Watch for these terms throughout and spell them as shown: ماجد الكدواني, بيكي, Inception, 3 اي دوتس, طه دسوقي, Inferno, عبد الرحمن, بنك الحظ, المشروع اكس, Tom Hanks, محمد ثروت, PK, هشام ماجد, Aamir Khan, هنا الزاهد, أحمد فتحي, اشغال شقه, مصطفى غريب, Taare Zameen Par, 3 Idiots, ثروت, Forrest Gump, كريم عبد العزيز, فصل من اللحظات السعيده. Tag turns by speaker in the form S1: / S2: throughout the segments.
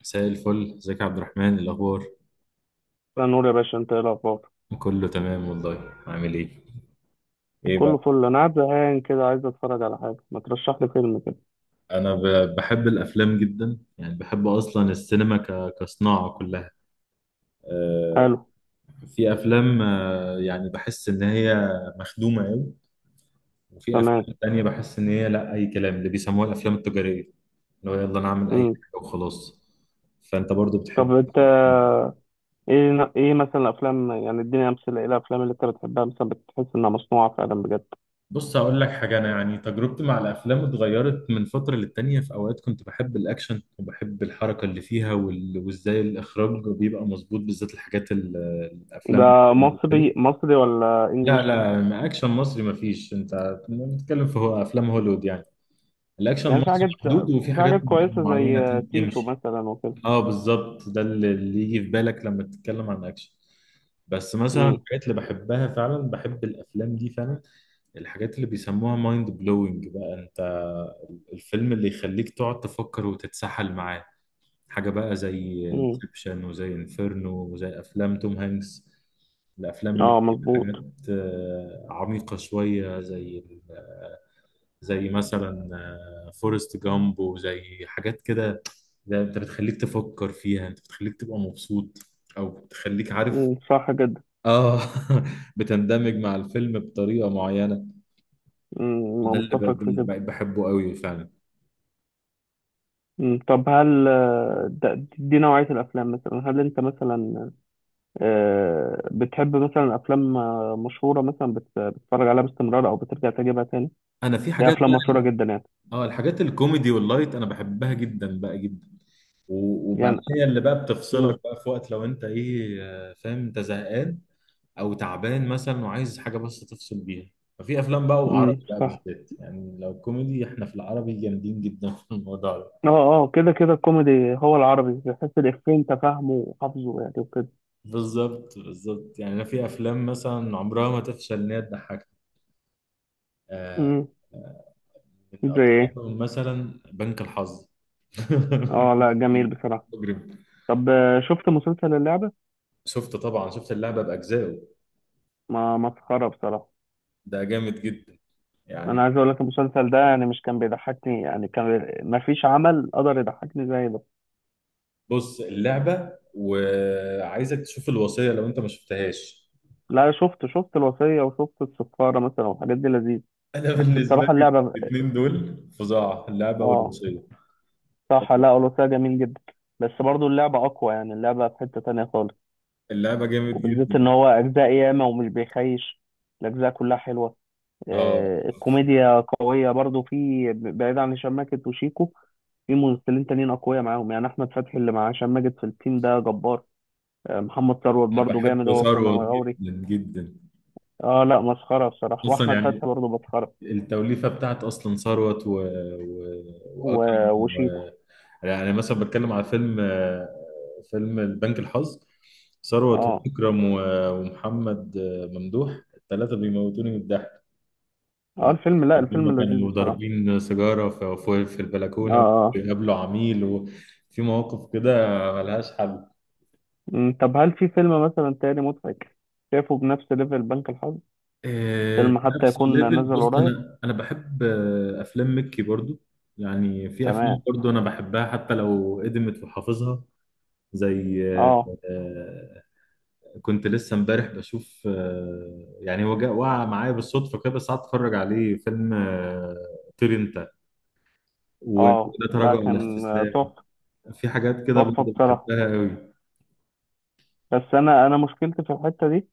S1: مساء الفل، ازيك يا عبد الرحمن؟ إيه الاخبار؟
S2: لا نور يا باشا، انت ايه الاخبار؟
S1: كله تمام والله. عامل ايه؟ ايه
S2: كله
S1: بقى؟
S2: فل، انا قاعد زهقان كده عايز اتفرج على حاجه، ما ترشح لي فيلم كده.
S1: انا بحب الافلام جدا. يعني بحب اصلا السينما كصناعه كلها. آه،
S2: حلو.
S1: في افلام، آه، يعني بحس ان هي مخدومه قوي، وفي
S2: تمام.
S1: افلام تانية بحس ان هي لا، اي كلام، اللي بيسموها الافلام التجاريه، اللي هو يلا نعمل اي
S2: امم
S1: حاجه وخلاص. فانت برضو
S2: طب
S1: بتحب
S2: انت؟
S1: إيه؟
S2: ايه مثلا الافلام، يعني اديني امثله، ايه الافلام اللي انت بتحبها مثلا بتحس انها مصنوعه فعلا بجد؟
S1: بص هقول لك حاجة. أنا يعني تجربتي مع الأفلام اتغيرت من فترة للتانية. في أوقات كنت بحب الأكشن وبحب الحركة اللي فيها، وإزاي الإخراج بيبقى مظبوط، بالذات الحاجات الأفلام
S2: ده
S1: كده.
S2: مصري مصري ولا
S1: لا
S2: انجليش؟
S1: لا، ما أكشن مصري مفيش. أنت بتتكلم في هو أفلام هوليوود يعني. الأكشن
S2: يعني في
S1: المصري
S2: حاجات،
S1: محدود، وفي
S2: في
S1: حاجات
S2: حاجات كويسه
S1: معينة
S2: زي تيتو
S1: تمشي.
S2: مثلا وكده.
S1: أه بالظبط، ده اللي يجي في بالك لما تتكلم عن أكشن. بس مثلا
S2: امم.
S1: الحاجات اللي بحبها فعلا، بحب الأفلام دي فعلا، الحاجات اللي بيسموها مايند بلوينج بقى. انت الفيلم اللي يخليك تقعد تفكر وتتسحل معاه، حاجة بقى زي
S2: امم.
S1: انسبشن وزي انفيرنو وزي افلام توم هانكس، الافلام اللي
S2: اه،
S1: فيها حاجات
S2: مظبوط.
S1: عميقة شوية، زي زي مثلا فورست جامب وزي حاجات كده. ده انت بتخليك تفكر فيها، انت بتخليك تبقى مبسوط، او بتخليك عارف.
S2: امم، صح جدا.
S1: اه بتندمج مع الفيلم بطريقة معينة. ده اللي ب-
S2: متفق في كده.
S1: ب- بحبه قوي فعلا.
S2: مم. طب هل دي نوعية الأفلام؟ مثلا هل أنت مثلا بتحب مثلا افلام مشهوره، مثلا بتتفرج عليها باستمرار او بترجع تجيبها تاني؟
S1: انا في
S2: دي
S1: حاجات
S2: افلام
S1: بقى،
S2: مشهوره جدا يعني.
S1: اه الحاجات الكوميدي واللايت انا بحبها جدا بقى جدا. وبعدين
S2: يعني.
S1: هي اللي بقى بتفصلك
S2: امم.
S1: بقى في وقت لو انت ايه، فاهم، انت زهقان او تعبان مثلا وعايز حاجه بس تفصل بيها. ففي افلام بقى، وعربي بقى
S2: صح.
S1: بالذات، يعني لو كوميدي احنا في العربي جامدين جدا في الموضوع ده.
S2: اه. اه، كده كده الكوميدي هو العربي، بحس الافيه انت فاهمه وحافظه يعني وكده.
S1: بالظبط بالظبط، يعني انا في افلام مثلا عمرها ما تفشل ان هي تضحكك. آه،
S2: امم.
S1: آه، من
S2: زي ايه؟
S1: اكترهم مثلا بنك الحظ.
S2: اه، لا جميل بصراحه.
S1: مجرم.
S2: طب شفت مسلسل اللعبه؟
S1: شفت طبعا، شفت اللعبه باجزائه.
S2: ما مسخره بصراحه.
S1: ده جامد جدا يعني.
S2: انا عايز اقول لك المسلسل ده يعني مش كان بيضحكني، يعني كان ما فيش عمل قدر يضحكني زي ده.
S1: بص اللعبه، وعايزك تشوف الوصيه لو انت ما شفتهاش.
S2: لا، شفت الوصية وشفت السفارة مثلا والحاجات دي لذيذ.
S1: انا
S2: بس
S1: بالنسبه
S2: بصراحة
S1: لي
S2: اللعبة.
S1: الاثنين دول فظاع، اللعبه
S2: اه.
S1: والوصيه.
S2: صح، لا الوصية جميل جدا. بس برضو اللعبة أقوى، يعني اللعبة في حتة تانية خالص.
S1: اللعبه جامد
S2: وبالذات
S1: جدا.
S2: إن هو أجزاء ياما ومش بيخيش. الأجزاء كلها حلوة.
S1: اه
S2: الكوميديا قوية برضو، في بعيد عن هشام ماجد وشيكو. في ممثلين تانيين أقوياء معاهم، يعني أحمد فتحي اللي مع هشام ماجد في التيم ده جبار. محمد ثروت
S1: انا
S2: برضو
S1: بحب
S2: جامد هو وسامي
S1: ثروت
S2: غوري.
S1: جدا جدا.
S2: اه لا، مسخرة بصراحة،
S1: اصلا
S2: وأحمد
S1: يعني
S2: فتحي برضو مسخرة.
S1: التوليفه بتاعت اصلا ثروت و... واكرم.
S2: و- وشيكو.
S1: يعني مثلا بتكلم على فيلم فيلم البنك الحظ، ثروت
S2: اه،
S1: وإكرم ومحمد ممدوح، الثلاثة بيموتوني من الضحك.
S2: اه،
S1: كنت-
S2: الفيلم، لا
S1: هم
S2: الفيلم لذيذ
S1: كانوا
S2: بصراحة.
S1: ضاربين سيجارة في
S2: اه.
S1: البلكونة،
S2: اه.
S1: وبيقابلوا عميل، وفي مواقف كده ملهاش حل.
S2: طب هل في فيلم مثلا تاني مضحك شايفه بنفس ليفل بنك الحظ؟
S1: في
S2: فيلم حتى
S1: نفس
S2: يكون
S1: الليفل،
S2: نزل
S1: بص
S2: قريب.
S1: أنا بحب أفلام مكي برضو. يعني في أفلام
S2: تمام.
S1: برضو أنا بحبها حتى لو قدمت وحافظها، زي،
S2: اه.
S1: كنت لسه امبارح بشوف، يعني هو جاء وقع معايا بالصدفه كده، بس قعدت اتفرج عليه، فيلم طير انت.
S2: اه
S1: وده
S2: لا،
S1: تراجع ولا
S2: كان
S1: استسلام.
S2: تحفة.
S1: في حاجات كده
S2: تحفة
S1: برضه
S2: بصراحة.
S1: بحبها قوي.
S2: بس انا مشكلتي في الحتة دي،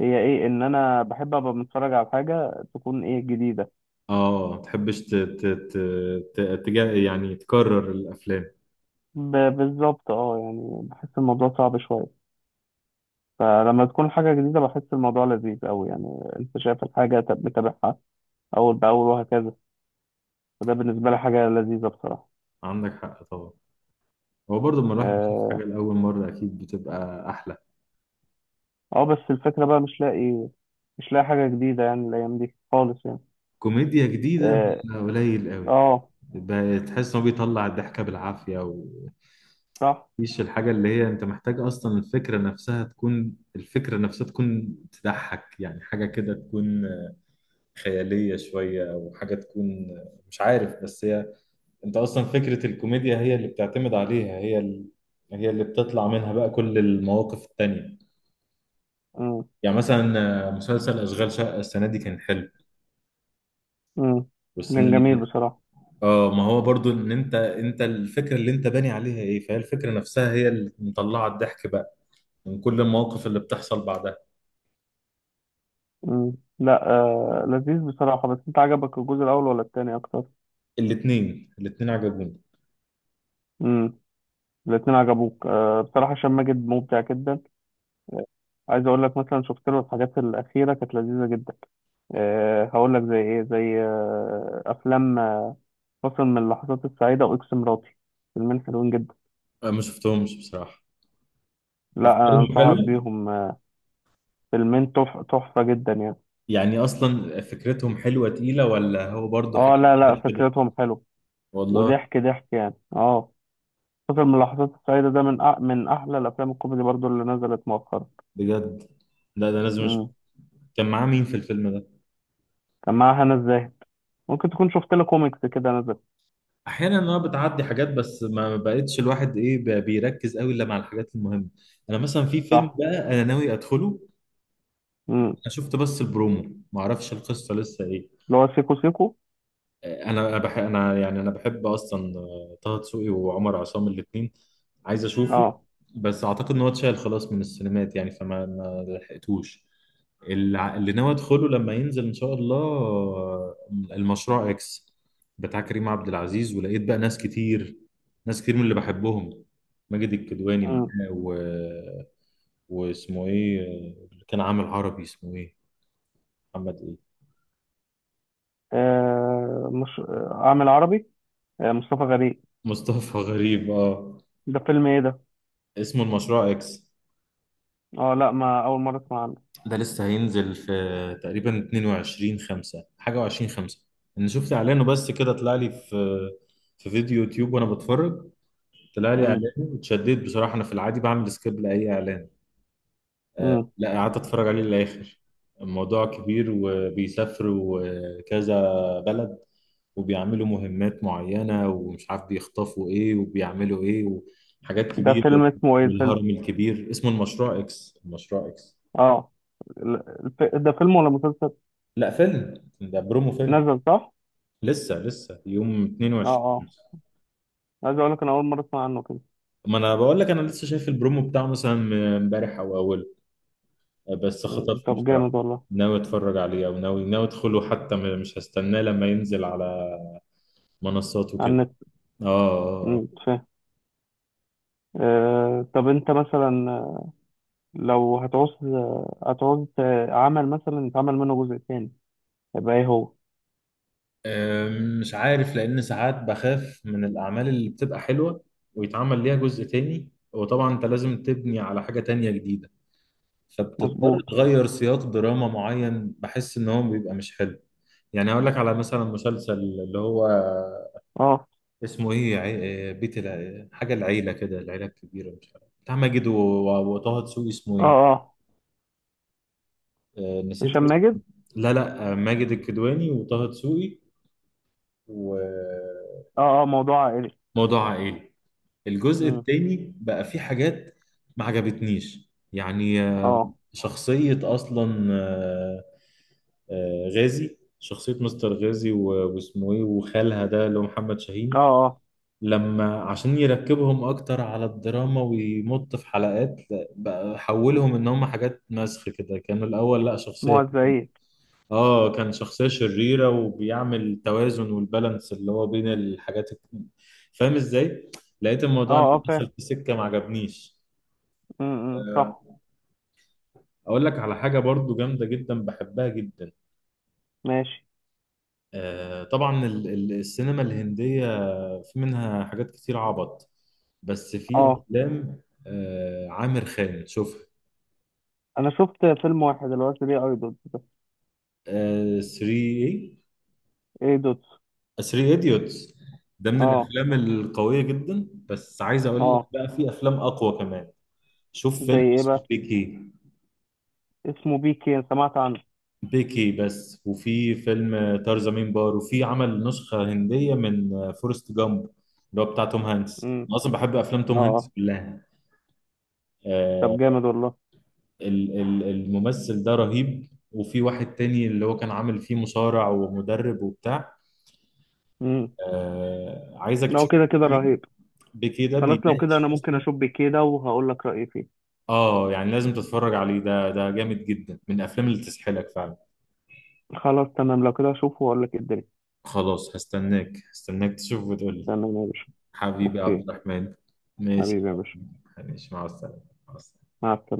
S2: هي ايه؟ ان انا بحب ابقى متفرج على حاجة تكون ايه؟ جديدة.
S1: اه، ما تحبش يعني تكرر الافلام.
S2: بالظبط، اه يعني بحس الموضوع صعب شوية. فلما تكون حاجة جديدة بحس الموضوع لذيذ أوي يعني. أنت شايف الحاجة متابعها أول بأول وهكذا. فده بالنسبة لي حاجة لذيذة بصراحة.
S1: عندك حق طبعا، هو برضه لما الواحد بيشوف حاجه
S2: اه،
S1: لاول مره اكيد بتبقى احلى.
S2: بس الفكرة بقى مش لاقي حاجة جديدة يعني، الأيام دي خالص يعني.
S1: كوميديا جديده
S2: اه.
S1: بتبقى قليل قوي.
S2: آه،
S1: تحس انه بيطلع الضحكه بالعافيه،
S2: صح.
S1: ومفيش الحاجه اللي هي انت محتاج اصلا، الفكره نفسها تكون، الفكره نفسها تكون تضحك، يعني حاجه كده تكون خياليه شويه، او حاجه تكون، مش عارف، بس هي انت اصلا فكره الكوميديا هي اللي بتعتمد عليها، هي هي اللي بتطلع منها بقى كل المواقف التانية.
S2: مم.
S1: يعني مثلا مسلسل اشغال شقه السنه دي كان حلو،
S2: مم.
S1: والسنه
S2: كان
S1: اللي
S2: جميل
S1: فاتت.
S2: بصراحة.
S1: اه ما هو برضو ان انت الفكره اللي انت باني عليها ايه، فهي الفكره نفسها هي اللي مطلعه الضحك بقى من كل المواقف اللي بتحصل بعدها.
S2: مم. لا، لذيذ بصراحة. بس انت عجبك الجزء الأول ولا التاني أكتر؟
S1: الاتنين عجبوني.
S2: مم. الاتنين عجبوك. بصراحة هشام ماجد مبدع جدا. عايز اقول لك مثلا شفت له الحاجات الاخيره كانت لذيذه جدا. هقول لك زي ايه، زي افلام فصل من اللحظات السعيده واكس مراتي. فيلمين حلوين جدا.
S1: انا ما شفتهمش بصراحه.
S2: لا
S1: افكارهم
S2: انصحك
S1: حلوه،
S2: بيهم. تحفه جدا يعني.
S1: يعني اصلا فكرتهم حلوه تقيله ولا هو برضو حاجه.
S2: اه لا لا، فكرتهم حلوه،
S1: والله
S2: وضحك ضحك يعني. اه، فصل من اللحظات السعيده ده من احلى الافلام الكوميدي برضو اللي نزلت مؤخرا.
S1: بجد، لا ده لازم اشوف.
S2: امم.
S1: كان معاه مين في الفيلم ده؟
S2: كان معاها هنا الزاهد. ممكن تكون شفت له كوميكس كده نزل.
S1: احيانا انا بتعدي حاجات، بس ما بقتش الواحد ايه بقى بيركز قوي الا مع الحاجات المهمه. انا مثلا في فيلم
S2: صح.
S1: بقى انا ناوي ادخله،
S2: امم.
S1: انا شفت بس البرومو، ما اعرفش القصه لسه ايه.
S2: اللي هو سيكو سيكو.
S1: انا انا يعني انا بحب اصلا طه دسوقي وعمر عصام الاثنين. عايز اشوفه
S2: اه.
S1: بس اعتقد ان هو اتشال خلاص من السينمات، يعني فما ما لحقتوش. اللي ناوي ادخله لما ينزل ان شاء الله، المشروع اكس بتاع كريم عبد العزيز. ولقيت بقى ناس كتير، ناس كتير من اللي بحبهم، ماجد الكدواني معاه واسمه ايه، اللي كان عامل عربي اسمه ايه، محمد إيه.
S2: مش اعمل عربي، مصطفى غريب.
S1: مصطفى غريب، اه.
S2: ده فيلم ايه ده؟
S1: اسمه المشروع اكس.
S2: اه لا، ما اول مره اسمع عنه.
S1: ده لسه هينزل في تقريبا 22 5 حاجة و20 5. انا شفت اعلانه بس كده، طلع لي في في فيديو يوتيوب وانا بتفرج، طلع لي
S2: مم.
S1: اعلانه، اتشددت بصراحة. انا في العادي بعمل سكيب لاي اعلان، آه
S2: مم.
S1: لا قعدت اتفرج عليه للاخر. الموضوع كبير، وبيسافروا كذا بلد وبيعملوا مهمات معينة، ومش عارف بيخطفوا ايه وبيعملوا ايه، وحاجات
S2: ده
S1: كبيرة
S2: فيلم اسمه ايه الفيلم؟
S1: والهرم الكبير. اسمه المشروع اكس، المشروع اكس.
S2: اه، ده فيلم ولا مسلسل؟
S1: لا فيلم، ده برومو فيلم.
S2: نزل صح.
S1: لسه يوم
S2: اه.
S1: 22.
S2: اه. عايز اقول لك انا اول مره اسمع عنه كده.
S1: ما انا بقول لك انا لسه شايف البرومو بتاعه مثلا امبارح او اوله، بس
S2: مم.
S1: خطفني
S2: طب
S1: بصراحة.
S2: جامد والله.
S1: ناوي اتفرج عليه، او ناوي ادخله حتى، مش هستناه لما ينزل على منصات
S2: على
S1: وكده.
S2: النت.
S1: اه
S2: مم، فاهم. طب انت مثلا، لو هتعوز عمل مثلا يتعمل منه جزء تاني، يبقى ايه هو؟
S1: مش عارف، لأن ساعات بخاف من الأعمال اللي بتبقى حلوة ويتعمل ليها جزء تاني، وطبعا أنت لازم تبني على حاجة تانية جديدة، فبتضطر
S2: مظبوط.
S1: تغير سياق دراما معين، بحس إن هو بيبقى مش حلو. يعني هقول لك على مثلا مسلسل اللي هو
S2: اه.
S1: اسمه إيه، عي... بيت الع... حاجة العيلة كده، العيلة الكبيرة، مش عارف، بتاع ماجد وطه دسوقي، اسمه
S2: اه.
S1: إيه،
S2: اه.
S1: نسيت
S2: هشام ماجد.
S1: اسمه. لا لا، ماجد الكدواني وطه دسوقي. وموضوع
S2: اه. اه. موضوع عائلي.
S1: عائلي. الجزء التاني بقى فيه حاجات ما عجبتنيش يعني،
S2: اه.
S1: شخصية أصلا، غازي، شخصية مستر غازي واسمه إيه وخالها ده اللي هو محمد
S2: اه.
S1: شاهين،
S2: اه.
S1: لما عشان يركبهم أكتر على الدراما ويمط في حلقات، لا، بقى حولهم إن هم حاجات مسخ كده. كانوا الأول لا شخصية،
S2: موزعين.
S1: اه كان شخصية شريرة وبيعمل توازن والبالانس اللي هو بين الحاجات فاهم ازاي؟ لقيت
S2: اه.
S1: الموضوع اللي
S2: اه، فاهم.
S1: دخل في سكة ما عجبنيش.
S2: م- م،
S1: آه،
S2: صح.
S1: اقول لك على حاجة برضو جامدة جدا بحبها جدا.
S2: ماشي.
S1: طبعا السينما الهندية، في منها حاجات كتير عبط، بس في
S2: اه،
S1: افلام عامر خان، شوفها.
S2: انا شفت فيلم واحد اللي هو 3 اي دوتس ده.
S1: 3 ايه؟
S2: اي دوتس.
S1: 3 ايديوتس ده من
S2: اه.
S1: الافلام القويه جدا، بس عايز اقول لك
S2: اه.
S1: بقى في افلام اقوى كمان. شوف
S2: زي
S1: فيلم
S2: ايه
S1: اسمه
S2: بقى؟
S1: بيكي.
S2: اسمه بيكي، أنا سمعت عنه.
S1: بيكي بس. وفي فيلم ترزمين بار، وفي عمل نسخة هندية من فورست جامب اللي هو بتاع توم هانكس.
S2: امم.
S1: أنا أصلا بحب أفلام توم
S2: اه.
S1: هانكس
S2: آه.
S1: كلها.
S2: طب
S1: آه
S2: جامد والله.
S1: الممثل ده رهيب. وفي واحد تاني اللي هو كان عامل فيه مصارع ومدرب وبتاع.
S2: امم.
S1: آه عايزك
S2: لو
S1: تشوف
S2: كده كده
S1: بيكي،
S2: رهيب.
S1: بيكي ده
S2: خلاص، لو كده
S1: بيناقش
S2: انا ممكن
S1: أصلا،
S2: اشوف بيكي ده وهقول لك رايي فيه.
S1: آه يعني لازم تتفرج عليه، ده ده جامد جدا من الأفلام اللي تسحلك فعلا.
S2: خلاص تمام، لو كده اشوفه واقول لك إيه الدنيا.
S1: خلاص هستناك تشوف وتقول لي.
S2: تمام يا باشا.
S1: حبيبي
S2: اوكي.
S1: عبد الرحمن، ماشي.
S2: حبيبي يا باشا.
S1: ماشي، مع السلامة. مع السلامة.
S2: مع السلامه.